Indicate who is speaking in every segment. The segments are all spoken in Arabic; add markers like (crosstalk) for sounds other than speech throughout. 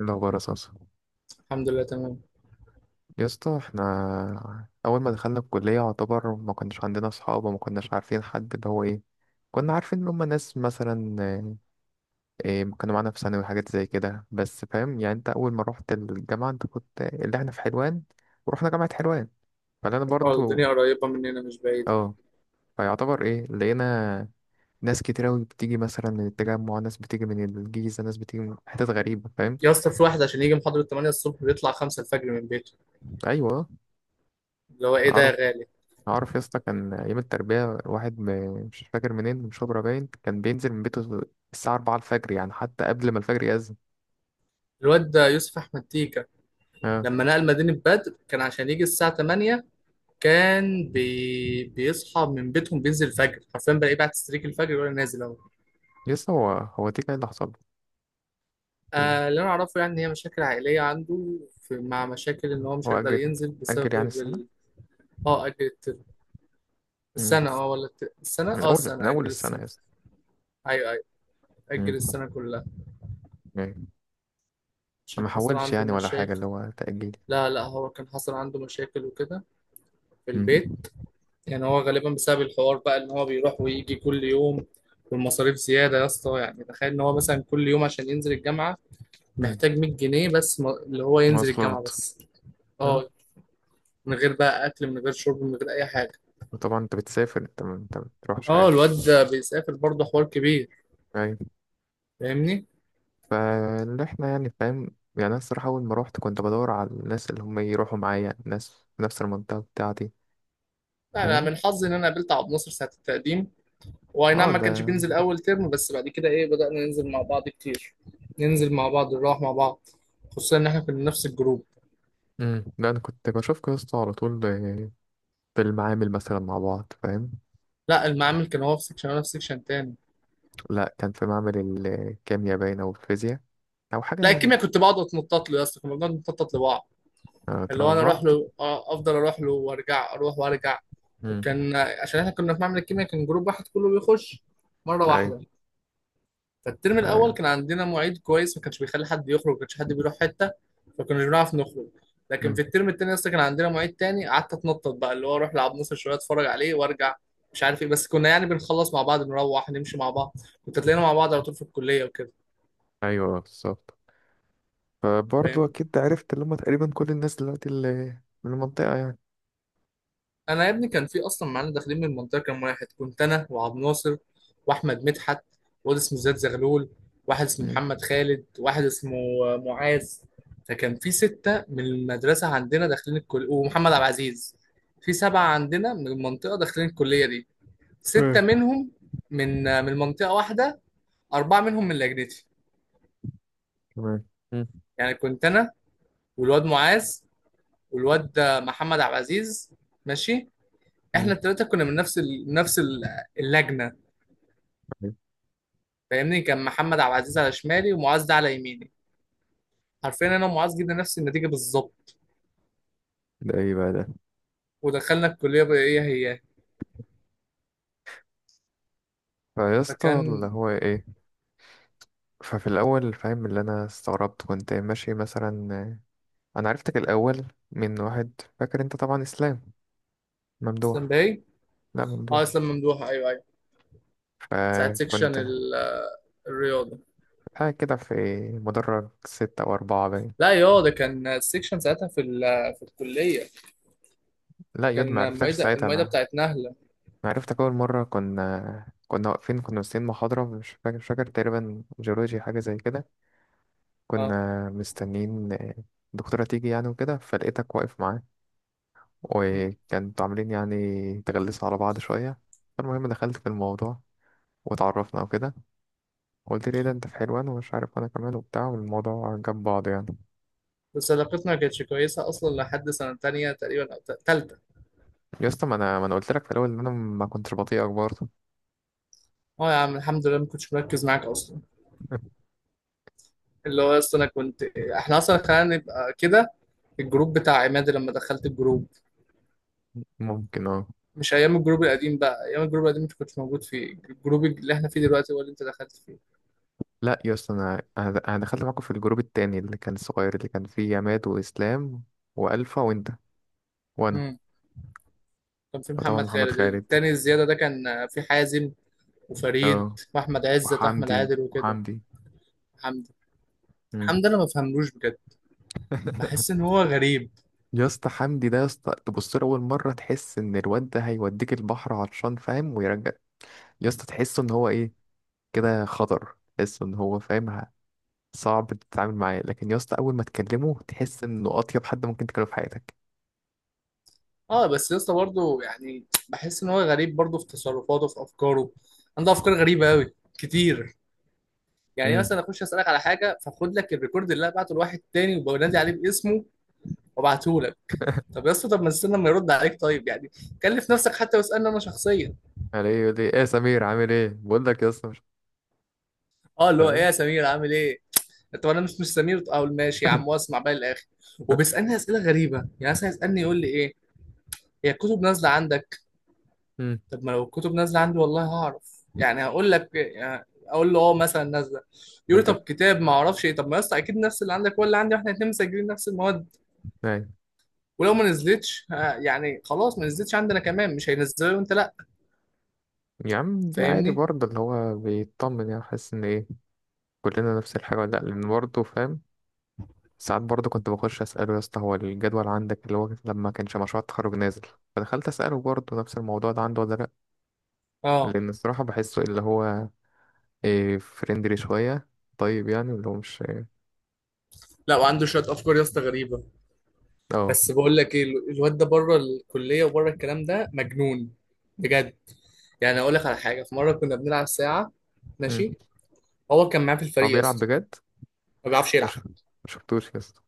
Speaker 1: إيه الأخبار أساسا؟
Speaker 2: الحمد لله تمام.
Speaker 1: يا اسطى، احنا أول ما دخلنا الكلية يعتبر ما كناش عندنا أصحاب وما كناش عارفين حد اللي هو إيه. كنا عارفين إن هما ناس مثلا آه، إيه كانوا معانا في ثانوي وحاجات زي كده، بس فاهم يعني؟ أنت أول ما روحت الجامعة أنت كنت اللي احنا في حلوان ورحنا جامعة حلوان، فأنا
Speaker 2: اه،
Speaker 1: برضو
Speaker 2: الدنيا قريبة مننا مش بعيدة.
Speaker 1: اه. فيعتبر إيه لقينا ناس كتير أوي بتيجي مثلا من التجمع، ناس بتيجي من الجيزة، ناس بتيجي من حتت غريبة، فاهم؟
Speaker 2: يا اسطى في واحد عشان يجي محاضرة 8 الصبح بيطلع 5 الفجر من بيته.
Speaker 1: أيوه.
Speaker 2: اللي هو ايه ده يا غالي؟
Speaker 1: عارف يا اسطى كان ايام التربيه واحد مش فاكر منين، من شبرا باين، كان بينزل من بيته الساعه 4 الفجر، يعني حتى قبل ما الفجر يأذن.
Speaker 2: الواد ده يوسف أحمد تيكا،
Speaker 1: اه.
Speaker 2: لما نقل مدينة بدر كان عشان يجي الساعة 8. كان بيصحى من بيتهم، بينزل الفجر حرفيا، بلاقيه بعد تستريك الفجر ولا نازل اهو.
Speaker 1: يا اسطى هو دي كان اللي حصل له.
Speaker 2: آه، اللي انا اعرفه يعني هي مشاكل عائلية عنده مع مشاكل ان هو مش
Speaker 1: هو
Speaker 2: هيقدر
Speaker 1: اجل.
Speaker 2: ينزل
Speaker 1: اجل يعني
Speaker 2: بسبب
Speaker 1: السنه.
Speaker 2: اه اجل الترم.
Speaker 1: مم.
Speaker 2: السنة،
Speaker 1: من اول من
Speaker 2: السنة
Speaker 1: اول
Speaker 2: اجل
Speaker 1: السنه يا
Speaker 2: السنة.
Speaker 1: اسطى.
Speaker 2: ايوه ايوه، اجل
Speaker 1: مم.
Speaker 2: السنة كلها
Speaker 1: يعني
Speaker 2: عشان
Speaker 1: ما
Speaker 2: حصل
Speaker 1: حولش
Speaker 2: عنده
Speaker 1: يعني ولا حاجه،
Speaker 2: مشاكل.
Speaker 1: اللي هو تأجيل؟
Speaker 2: لا لا، هو كان حصل عنده مشاكل وكده في
Speaker 1: مم.
Speaker 2: البيت. يعني هو غالبا بسبب الحوار بقى ان هو بيروح ويجي كل يوم، والمصاريف زيادة يا اسطى. يعني تخيل ان هو مثلا كل يوم عشان ينزل الجامعة
Speaker 1: مم.
Speaker 2: محتاج 100 جنيه بس، اللي هو ينزل الجامعة
Speaker 1: مواصلات.
Speaker 2: بس.
Speaker 1: اه.
Speaker 2: اه، من غير بقى اكل، من غير شرب، من غير اي حاجة.
Speaker 1: وطبعا انت بتسافر، انت ما بتروحش
Speaker 2: اه
Speaker 1: عادي.
Speaker 2: الواد ده بيسافر برضه، حوار كبير.
Speaker 1: أيوة.
Speaker 2: فاهمني.
Speaker 1: فاللي احنا يعني فاهم. يعني انا الصراحة اول ما روحت كنت بدور على الناس اللي هم يروحوا معايا، ناس في نفس المنطقة بتاعتي،
Speaker 2: لا انا
Speaker 1: فاهم؟
Speaker 2: من حظي ان انا قابلت عبد الناصر ساعة التقديم. واي نعم
Speaker 1: اه
Speaker 2: ما
Speaker 1: ده.
Speaker 2: كانش بينزل اول ترم، بس بعد كده ايه بدأنا ننزل مع بعض كتير. ننزل مع بعض نروح مع بعض، خصوصا ان احنا كنا نفس الجروب.
Speaker 1: امم، ده انا كنت بشوف قصته على طول آه، في المعامل مثلا مع بعض، فاهم؟
Speaker 2: لا، المعامل كان هو في سكشن وانا في سكشن تاني.
Speaker 1: لا كان في معمل الكيمياء باين او الفيزياء او
Speaker 2: لا
Speaker 1: حاجة.
Speaker 2: الكيمياء كنت بقعد اتنطط له يا اسطى، كنا بنقعد نتنطط لبعض.
Speaker 1: آه،
Speaker 2: اللي
Speaker 1: تروح
Speaker 2: هو انا اروح
Speaker 1: لبعض.
Speaker 2: له آه، افضل اروح له وارجع اروح وارجع.
Speaker 1: امم.
Speaker 2: وكان عشان احنا كنا في معمل الكيمياء كان جروب واحد كله بيخش مرة واحدة.
Speaker 1: ايوه،
Speaker 2: فالترم
Speaker 1: ايوه.
Speaker 2: الاول كان عندنا معيد كويس ما كانش بيخلي حد يخرج، ما كانش حد بيروح حته، فكناش بنعرف نخرج. لكن
Speaker 1: امم.
Speaker 2: في الترم التاني اصلا كان عندنا معيد تاني، قعدت اتنطط بقى، اللي هو اروح لعب نصر شويه اتفرج عليه وارجع. مش عارف ايه، بس كنا يعني بنخلص مع بعض نروح نمشي مع بعض، كنت هتلاقينا مع بعض على طول في الكليه وكده.
Speaker 1: ايوه بالظبط. فبرضه
Speaker 2: فاهم.
Speaker 1: اكيد عرفت اللي هم تقريبا كل الناس دلوقتي اللي من المنطقة يعني.
Speaker 2: انا يا ابني كان في اصلا معانا داخلين من المنطقه كام واحد. كنت انا وعبد الناصر واحمد مدحت، واد اسمه زياد زغلول، واحد اسمه
Speaker 1: امم.
Speaker 2: محمد خالد، واحد اسمه آه، معاذ. فكان في سته من المدرسه عندنا داخلين الكليه ومحمد عبد العزيز. في سبعه عندنا من المنطقه داخلين الكليه دي، سته
Speaker 1: ايه.
Speaker 2: منهم من آه، من منطقه واحده، اربعه منهم من لجنتي.
Speaker 1: تمام. امم.
Speaker 2: يعني كنت انا والواد معاذ والواد آه، محمد عبد العزيز، ماشي.
Speaker 1: امم.
Speaker 2: احنا الثلاثه كنا من نفس اللجنه. فاهمني. كان محمد عبد العزيز على شمالي ومعاذ ده على يميني. حرفيا انا ومعاذ جبنا نفس النتيجه بالظبط
Speaker 1: ده ايه بقى ده؟
Speaker 2: ودخلنا الكليه بايه هي.
Speaker 1: فيا اسطى اللي
Speaker 2: فكان
Speaker 1: هو ايه. ففي الاول فاهم، اللي انا استغربت كنت ماشي مثلا. انا عرفتك الاول من واحد، فاكر؟ انت طبعا اسلام
Speaker 2: اسلام
Speaker 1: ممدوح.
Speaker 2: باي.
Speaker 1: لا
Speaker 2: اه
Speaker 1: ممدوح.
Speaker 2: اسلام ممدوح، ايوه ايوه. ساعه سيكشن
Speaker 1: فكنت
Speaker 2: الرياضه.
Speaker 1: قاعد كده في مدرج ستة أو أربعة باين.
Speaker 2: لا يا ده كان السيكشن ساعتها في الكليه.
Speaker 1: لا يود ما
Speaker 2: كان
Speaker 1: عرفتكش
Speaker 2: المعيده
Speaker 1: ساعتها
Speaker 2: المعيده
Speaker 1: أنا.
Speaker 2: بتاعت نهله.
Speaker 1: أنا عرفتك أول مرة كنا واقفين، كنا مستنيين محاضرة، مش فاكر تقريبا جيولوجي حاجة زي كده.
Speaker 2: اه.
Speaker 1: كنا مستنيين الدكتورة تيجي يعني وكده، فلقيتك واقف معاه
Speaker 2: مم.
Speaker 1: وكانت عاملين يعني تغلسوا على بعض شوية. فالمهم دخلت في الموضوع واتعرفنا وكده. قلت لي إيه ده انت في حلوان ومش عارف، انا كمان وبتاع، والموضوع جاب بعض يعني.
Speaker 2: بس علاقتنا ما كانتش كويسه اصلا لحد سنه تانية تقريبا او تالته.
Speaker 1: يا اسطى ما انا قلت لك في الاول ان انا ما كنتش بطيئك برضه.
Speaker 2: اه يا عم الحمد لله ما كنتش مركز معاك اصلا.
Speaker 1: (laughs)
Speaker 2: اللي هو اصلا انا كنت، احنا اصلا خلينا نبقى كده، الجروب بتاع عماد لما دخلت الجروب.
Speaker 1: ممكن اه.
Speaker 2: مش ايام الجروب القديم بقى، ايام الجروب القديم انت كنتش موجود فيه، الجروب اللي احنا فيه دلوقتي هو اللي انت دخلت فيه.
Speaker 1: لا يا اسطى انا انا أنا دخلت معاكم في الجروب التاني اللي كان الصغير، اللي كان فيه عماد واسلام والفا وانت وانا.
Speaker 2: امم. كان في
Speaker 1: وطبعا
Speaker 2: محمد
Speaker 1: محمد
Speaker 2: خالد
Speaker 1: خالد.
Speaker 2: التاني الزياده ده، كان في حازم وفريد
Speaker 1: اه.
Speaker 2: واحمد عزت واحمد
Speaker 1: وحمدي
Speaker 2: عادل وكده.
Speaker 1: وحمدي
Speaker 2: حمدي.
Speaker 1: مم.
Speaker 2: حمدي انا ما بفهملوش بجد، بحس ان
Speaker 1: (laughs)
Speaker 2: هو غريب.
Speaker 1: يا اسطى حمدي ده، يا اسطى تبص له اول مره تحس ان الواد ده هيوديك البحر عطشان، فاهم، ويرجع. يا اسطى تحسه ان هو ايه، كده خطر، تحسه ان هو فاهم صعب تتعامل معاه، لكن يا اسطى اول ما تكلمه تحس انه اطيب حد ممكن تكلمه في حياتك.
Speaker 2: اه بس يا اسطى برضه يعني بحس ان هو غريب برضه، في تصرفاته في افكاره، عنده افكار غريبه قوي كتير. يعني
Speaker 1: امم.
Speaker 2: مثلا اخش اسالك على حاجه فاخد لك الريكورد اللي انا بعته لواحد تاني وبنادي عليه باسمه وابعته لك. طب يا اسطى طب ما تستنى ما يرد عليك طيب يعني، كلف نفسك حتى واسالني انا شخصيا.
Speaker 1: يعني ايه يقول لي ايه يا سمير عامل ايه، بقول لك يا اسطى مش
Speaker 2: اه اللي هو ايه
Speaker 1: فاهم.
Speaker 2: يا سمير عامل ايه. طب انا مش سمير. اه ماشي يا عم،
Speaker 1: (laughs)
Speaker 2: واسمع بقى الاخر. وبيسالني اسئله غريبه، يعني مثلا يسالني يقول لي ايه، هي الكتب نازله عندك.
Speaker 1: امم.
Speaker 2: طب ما لو الكتب نازله عندي والله هعرف يعني، هقول لك يعني اقول له اه مثلا نازله. يقول لي
Speaker 1: انت
Speaker 2: طب كتاب ما اعرفش ايه. طب ما يا اسطى اكيد نفس اللي عندك ولا عندي، واحنا الاثنين مسجلين نفس المواد.
Speaker 1: يعني،
Speaker 2: ولو ما نزلتش آه، يعني خلاص ما نزلتش عندنا كمان، مش هينزلها وانت لا.
Speaker 1: يا عم دي عادي
Speaker 2: فاهمني.
Speaker 1: برضه، اللي هو بيطمن، يعني حاسس ان ايه كلنا نفس الحاجه ولا لا، لان برضه فاهم. ساعات برضه كنت بخش أسأله يا اسطى هو الجدول عندك، اللي هو لما كانش مشروع التخرج نازل، فدخلت أسأله برضه نفس الموضوع ده عنده ولا لأ.
Speaker 2: اه.
Speaker 1: لأن الصراحة بحسه اللي هو إيه، فريندلي شوية، طيب يعني، اللي هو مش.
Speaker 2: لا وعنده شويه افكار يا اسطى غريبه.
Speaker 1: اه.
Speaker 2: بس بقول لك ايه، الواد ده بره الكليه وبره الكلام ده مجنون بجد. يعني اقول لك على حاجه، في مره كنا بنلعب ساعه،
Speaker 1: مم.
Speaker 2: ماشي، هو كان معاه في
Speaker 1: هو
Speaker 2: الفريق
Speaker 1: بيلعب
Speaker 2: اصلا.
Speaker 1: بجد؟
Speaker 2: ما بيعرفش يلعب.
Speaker 1: مش مشفتوش يا اسطى؟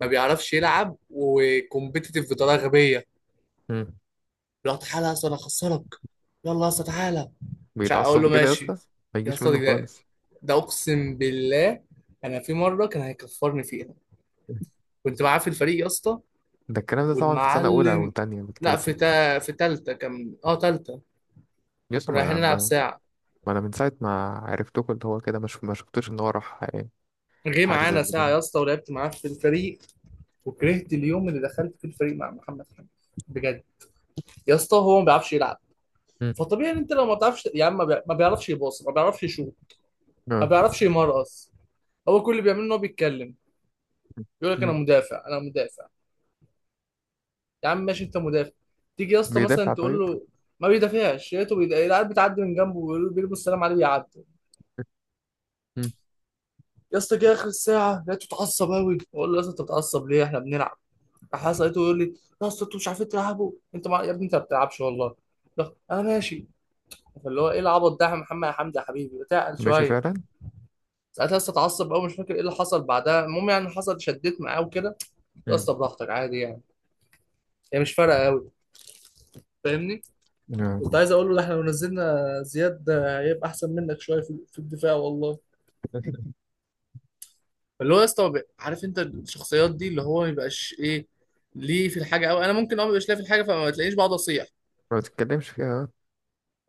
Speaker 2: ما بيعرفش يلعب وكومبيتيتيف بطريقه غبيه.
Speaker 1: مم.
Speaker 2: لا تعالى يا اسطى انا هخسرك، يلا يا اسطى تعالى. مش عارف اقول
Speaker 1: بيتعصب
Speaker 2: له
Speaker 1: كده يا اسطى.
Speaker 2: ماشي.
Speaker 1: ما
Speaker 2: يا
Speaker 1: يجيش منه
Speaker 2: اسطى ده,
Speaker 1: خالص.
Speaker 2: ده اقسم بالله انا في مره كان هيكفرني فيها. كنت معاه في الفريق يا اسطى
Speaker 1: ده الكلام ده طبعا في سنة أولى أو
Speaker 2: والمعلم.
Speaker 1: تانية
Speaker 2: لا
Speaker 1: بكتير.
Speaker 2: في تالتة كان، اه تالتة.
Speaker 1: يا اسطى
Speaker 2: كنا رايحين نلعب ساعه،
Speaker 1: ما أنا من ساعة ما عرفتكوا اللي هو كده، مش ما شفتوش إن هو راح
Speaker 2: جه
Speaker 1: حاجة زي
Speaker 2: معانا ساعة
Speaker 1: كده.
Speaker 2: يا اسطى، ولعبت معاه في الفريق وكرهت اليوم اللي دخلت في الفريق مع محمد حمدي بجد. يا اسطى هو ما بيعرفش يلعب.
Speaker 1: مم.
Speaker 2: فطبيعي ان انت لو ما بتعرفش يا عم، ما بيعرفش يباص، ما بيعرفش يشوط، ما بيعرفش يمرقص. هو كل اللي بيعمله ان هو بيتكلم. يقول لك
Speaker 1: اه.
Speaker 2: انا مدافع انا مدافع. يا عم ماشي انت مدافع. تيجي يا اسطى مثلا
Speaker 1: بيدافع
Speaker 2: تقول
Speaker 1: طيب.
Speaker 2: له، ما بيدافعش، لقيته العيال بتعدي من جنبه ويقول له بيرموا السلام عليه بيعدي.
Speaker 1: مم.
Speaker 2: يا اسطى جه اخر الساعه لقيته اتعصب قوي، بقول له يا اسطى انت بتعصب ليه احنا بنلعب؟ راح أسأل لقيته يقول لي، يا اسطى انتوا مش عارفين تلعبوا، انت يا ابني انت ما بتلعبش والله. لا، انا ماشي. فاللي هو ايه العبط ده يا محمد يا حمدي يا حبيبي، تعقل
Speaker 1: ماشي
Speaker 2: شويه.
Speaker 1: فعلا.
Speaker 2: ساعتها لسه اتعصب قوي، مش فاكر ايه اللي حصل بعدها. المهم يعني حصل شديت معاه وكده، قلت له يا
Speaker 1: مم.
Speaker 2: اسطى براحتك عادي يعني، هي مش فارقه قوي. فاهمني. كنت
Speaker 1: نعم.
Speaker 2: عايز اقول له، ده احنا لو نزلنا زياد هيبقى احسن منك شويه في الدفاع والله. فاللي هو يا اسطى عارف انت الشخصيات دي اللي هو ما يبقاش ايه ليه في الحاجه قوي، انا ممكن اه ما يبقاش ليه في الحاجه فما تلاقينيش بقعد اصيح.
Speaker 1: ما بتتكلمش فيها.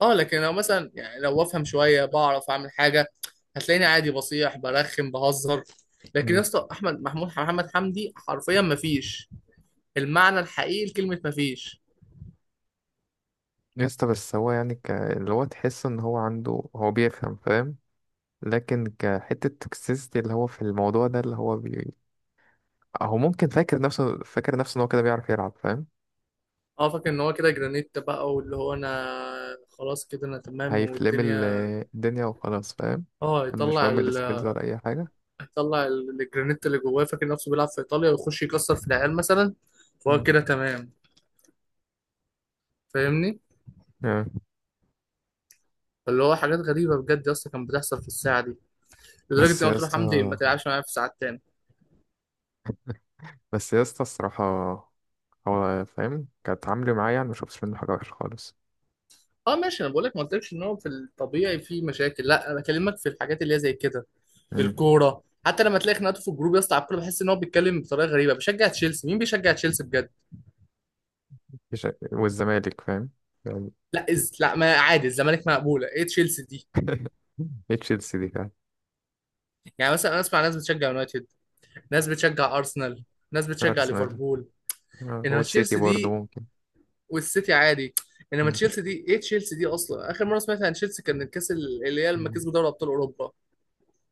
Speaker 2: اه لكن لو مثلا يعني لو افهم شويه بعرف اعمل حاجه، هتلاقيني عادي بصيح برخم بهزر. لكن يا
Speaker 1: مم.
Speaker 2: اسطى احمد محمود محمد حمدي حرفيا مفيش، المعنى الحقيقي لكلمه مفيش.
Speaker 1: يا اسطى بس هو يعني اللي هو تحس ان هو عنده، هو بيفهم فاهم، لكن كحتة توكسيستي اللي هو في الموضوع ده اللي هو هو ممكن فاكر نفسه ان هو كده بيعرف يلعب، فاهم؟
Speaker 2: اه فاكر ان هو كده جرانيت بقى، واللي هو انا خلاص كده انا تمام
Speaker 1: هيفلم
Speaker 2: والدنيا.
Speaker 1: الدنيا وخلاص، فاهم.
Speaker 2: اه
Speaker 1: مش
Speaker 2: يطلع
Speaker 1: مهم السكيلز ولا اي حاجة.
Speaker 2: يطلع الجرانيت اللي جواه، فاكر نفسه بيلعب في ايطاليا ويخش يكسر في العيال مثلا، فهو
Speaker 1: مم.
Speaker 2: كده تمام. فاهمني.
Speaker 1: نعم.
Speaker 2: اللي هو حاجات غريبه بجد يا اسطى كانت بتحصل في الساعه دي، لدرجه ان
Speaker 1: بس
Speaker 2: أنا
Speaker 1: يا
Speaker 2: قلت له
Speaker 1: اسطى
Speaker 2: حمدي ما تلعبش معايا في ساعات تاني.
Speaker 1: بس يا اسطى الصراحة هو فاهم، كانت عامله معايا يعني مشوفتش منه حاجة وحشة خالص.
Speaker 2: اه ماشي انا بقول لك، ما قلتلكش ان هو في الطبيعي في مشاكل، لا انا بكلمك في الحاجات اللي هي زي كده.
Speaker 1: مم.
Speaker 2: الكوره حتى لما تلاقي خناقاته في الجروب يا اسطى على الكوره، بحس ان هو بيتكلم بطريقه غريبه، بشجع تشيلسي، مين بيشجع تشيلسي بجد؟
Speaker 1: مش- والزمالك فاهم يعني.
Speaker 2: لا لا ما عادي، الزمالك مقبوله، ايه تشيلسي دي؟
Speaker 1: (laughs) إيه تشيلسي دي فعلا.
Speaker 2: يعني مثلا انا اسمع ناس بتشجع يونايتد، ناس بتشجع ارسنال، ناس بتشجع
Speaker 1: أرسنال
Speaker 2: ليفربول،
Speaker 1: آه،
Speaker 2: انما
Speaker 1: والسيتي
Speaker 2: تشيلسي
Speaker 1: برضه
Speaker 2: دي،
Speaker 1: ممكن.
Speaker 2: والسيتي عادي، انما
Speaker 1: مم.
Speaker 2: تشيلسي دي، ايه تشيلسي دي اصلا؟ اخر مره سمعت عن تشيلسي كان الكاس اللي هي لما
Speaker 1: مم.
Speaker 2: كسبوا دوري ابطال اوروبا،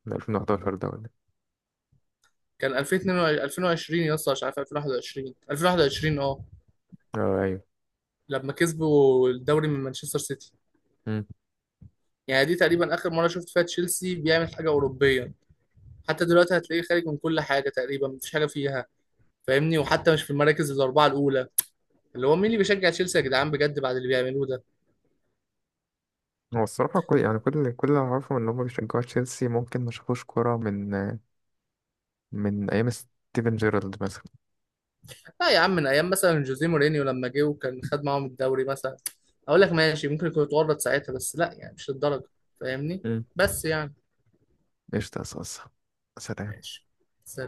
Speaker 1: 2011 ده ولا إيه؟
Speaker 2: كان 2022 2020 يا اسطى مش عارف 2021 2021. اه
Speaker 1: اه أيوه.
Speaker 2: لما كسبوا الدوري من مانشستر سيتي،
Speaker 1: مم.
Speaker 2: يعني دي تقريبا اخر مره شفت فيها تشيلسي بيعمل حاجه اوروبيه. حتى دلوقتي هتلاقيه خارج من كل حاجه تقريبا، مفيش حاجه فيها. فاهمني. وحتى مش في المراكز الاربعه الاولى، اللي هو مين اللي بيشجع تشيلسي يا جدعان بجد بعد اللي بيعملوه ده؟
Speaker 1: هو الصراحة كل يعني كل اللي أعرفه إن هما بيشجعوا تشيلسي ممكن ما شافوش كورة من من أيام ستيفن جيرارد مثلا.
Speaker 2: لا يا عم من ايام مثلا جوزيه مورينيو لما جه وكان خد معاهم الدوري مثلا، اقول لك ماشي ممكن يكون اتورط ساعتها، بس لا يعني مش للدرجه. فاهمني.
Speaker 1: مم.
Speaker 2: بس يعني
Speaker 1: قشطة يا صاصة. سلام.
Speaker 2: ماشي.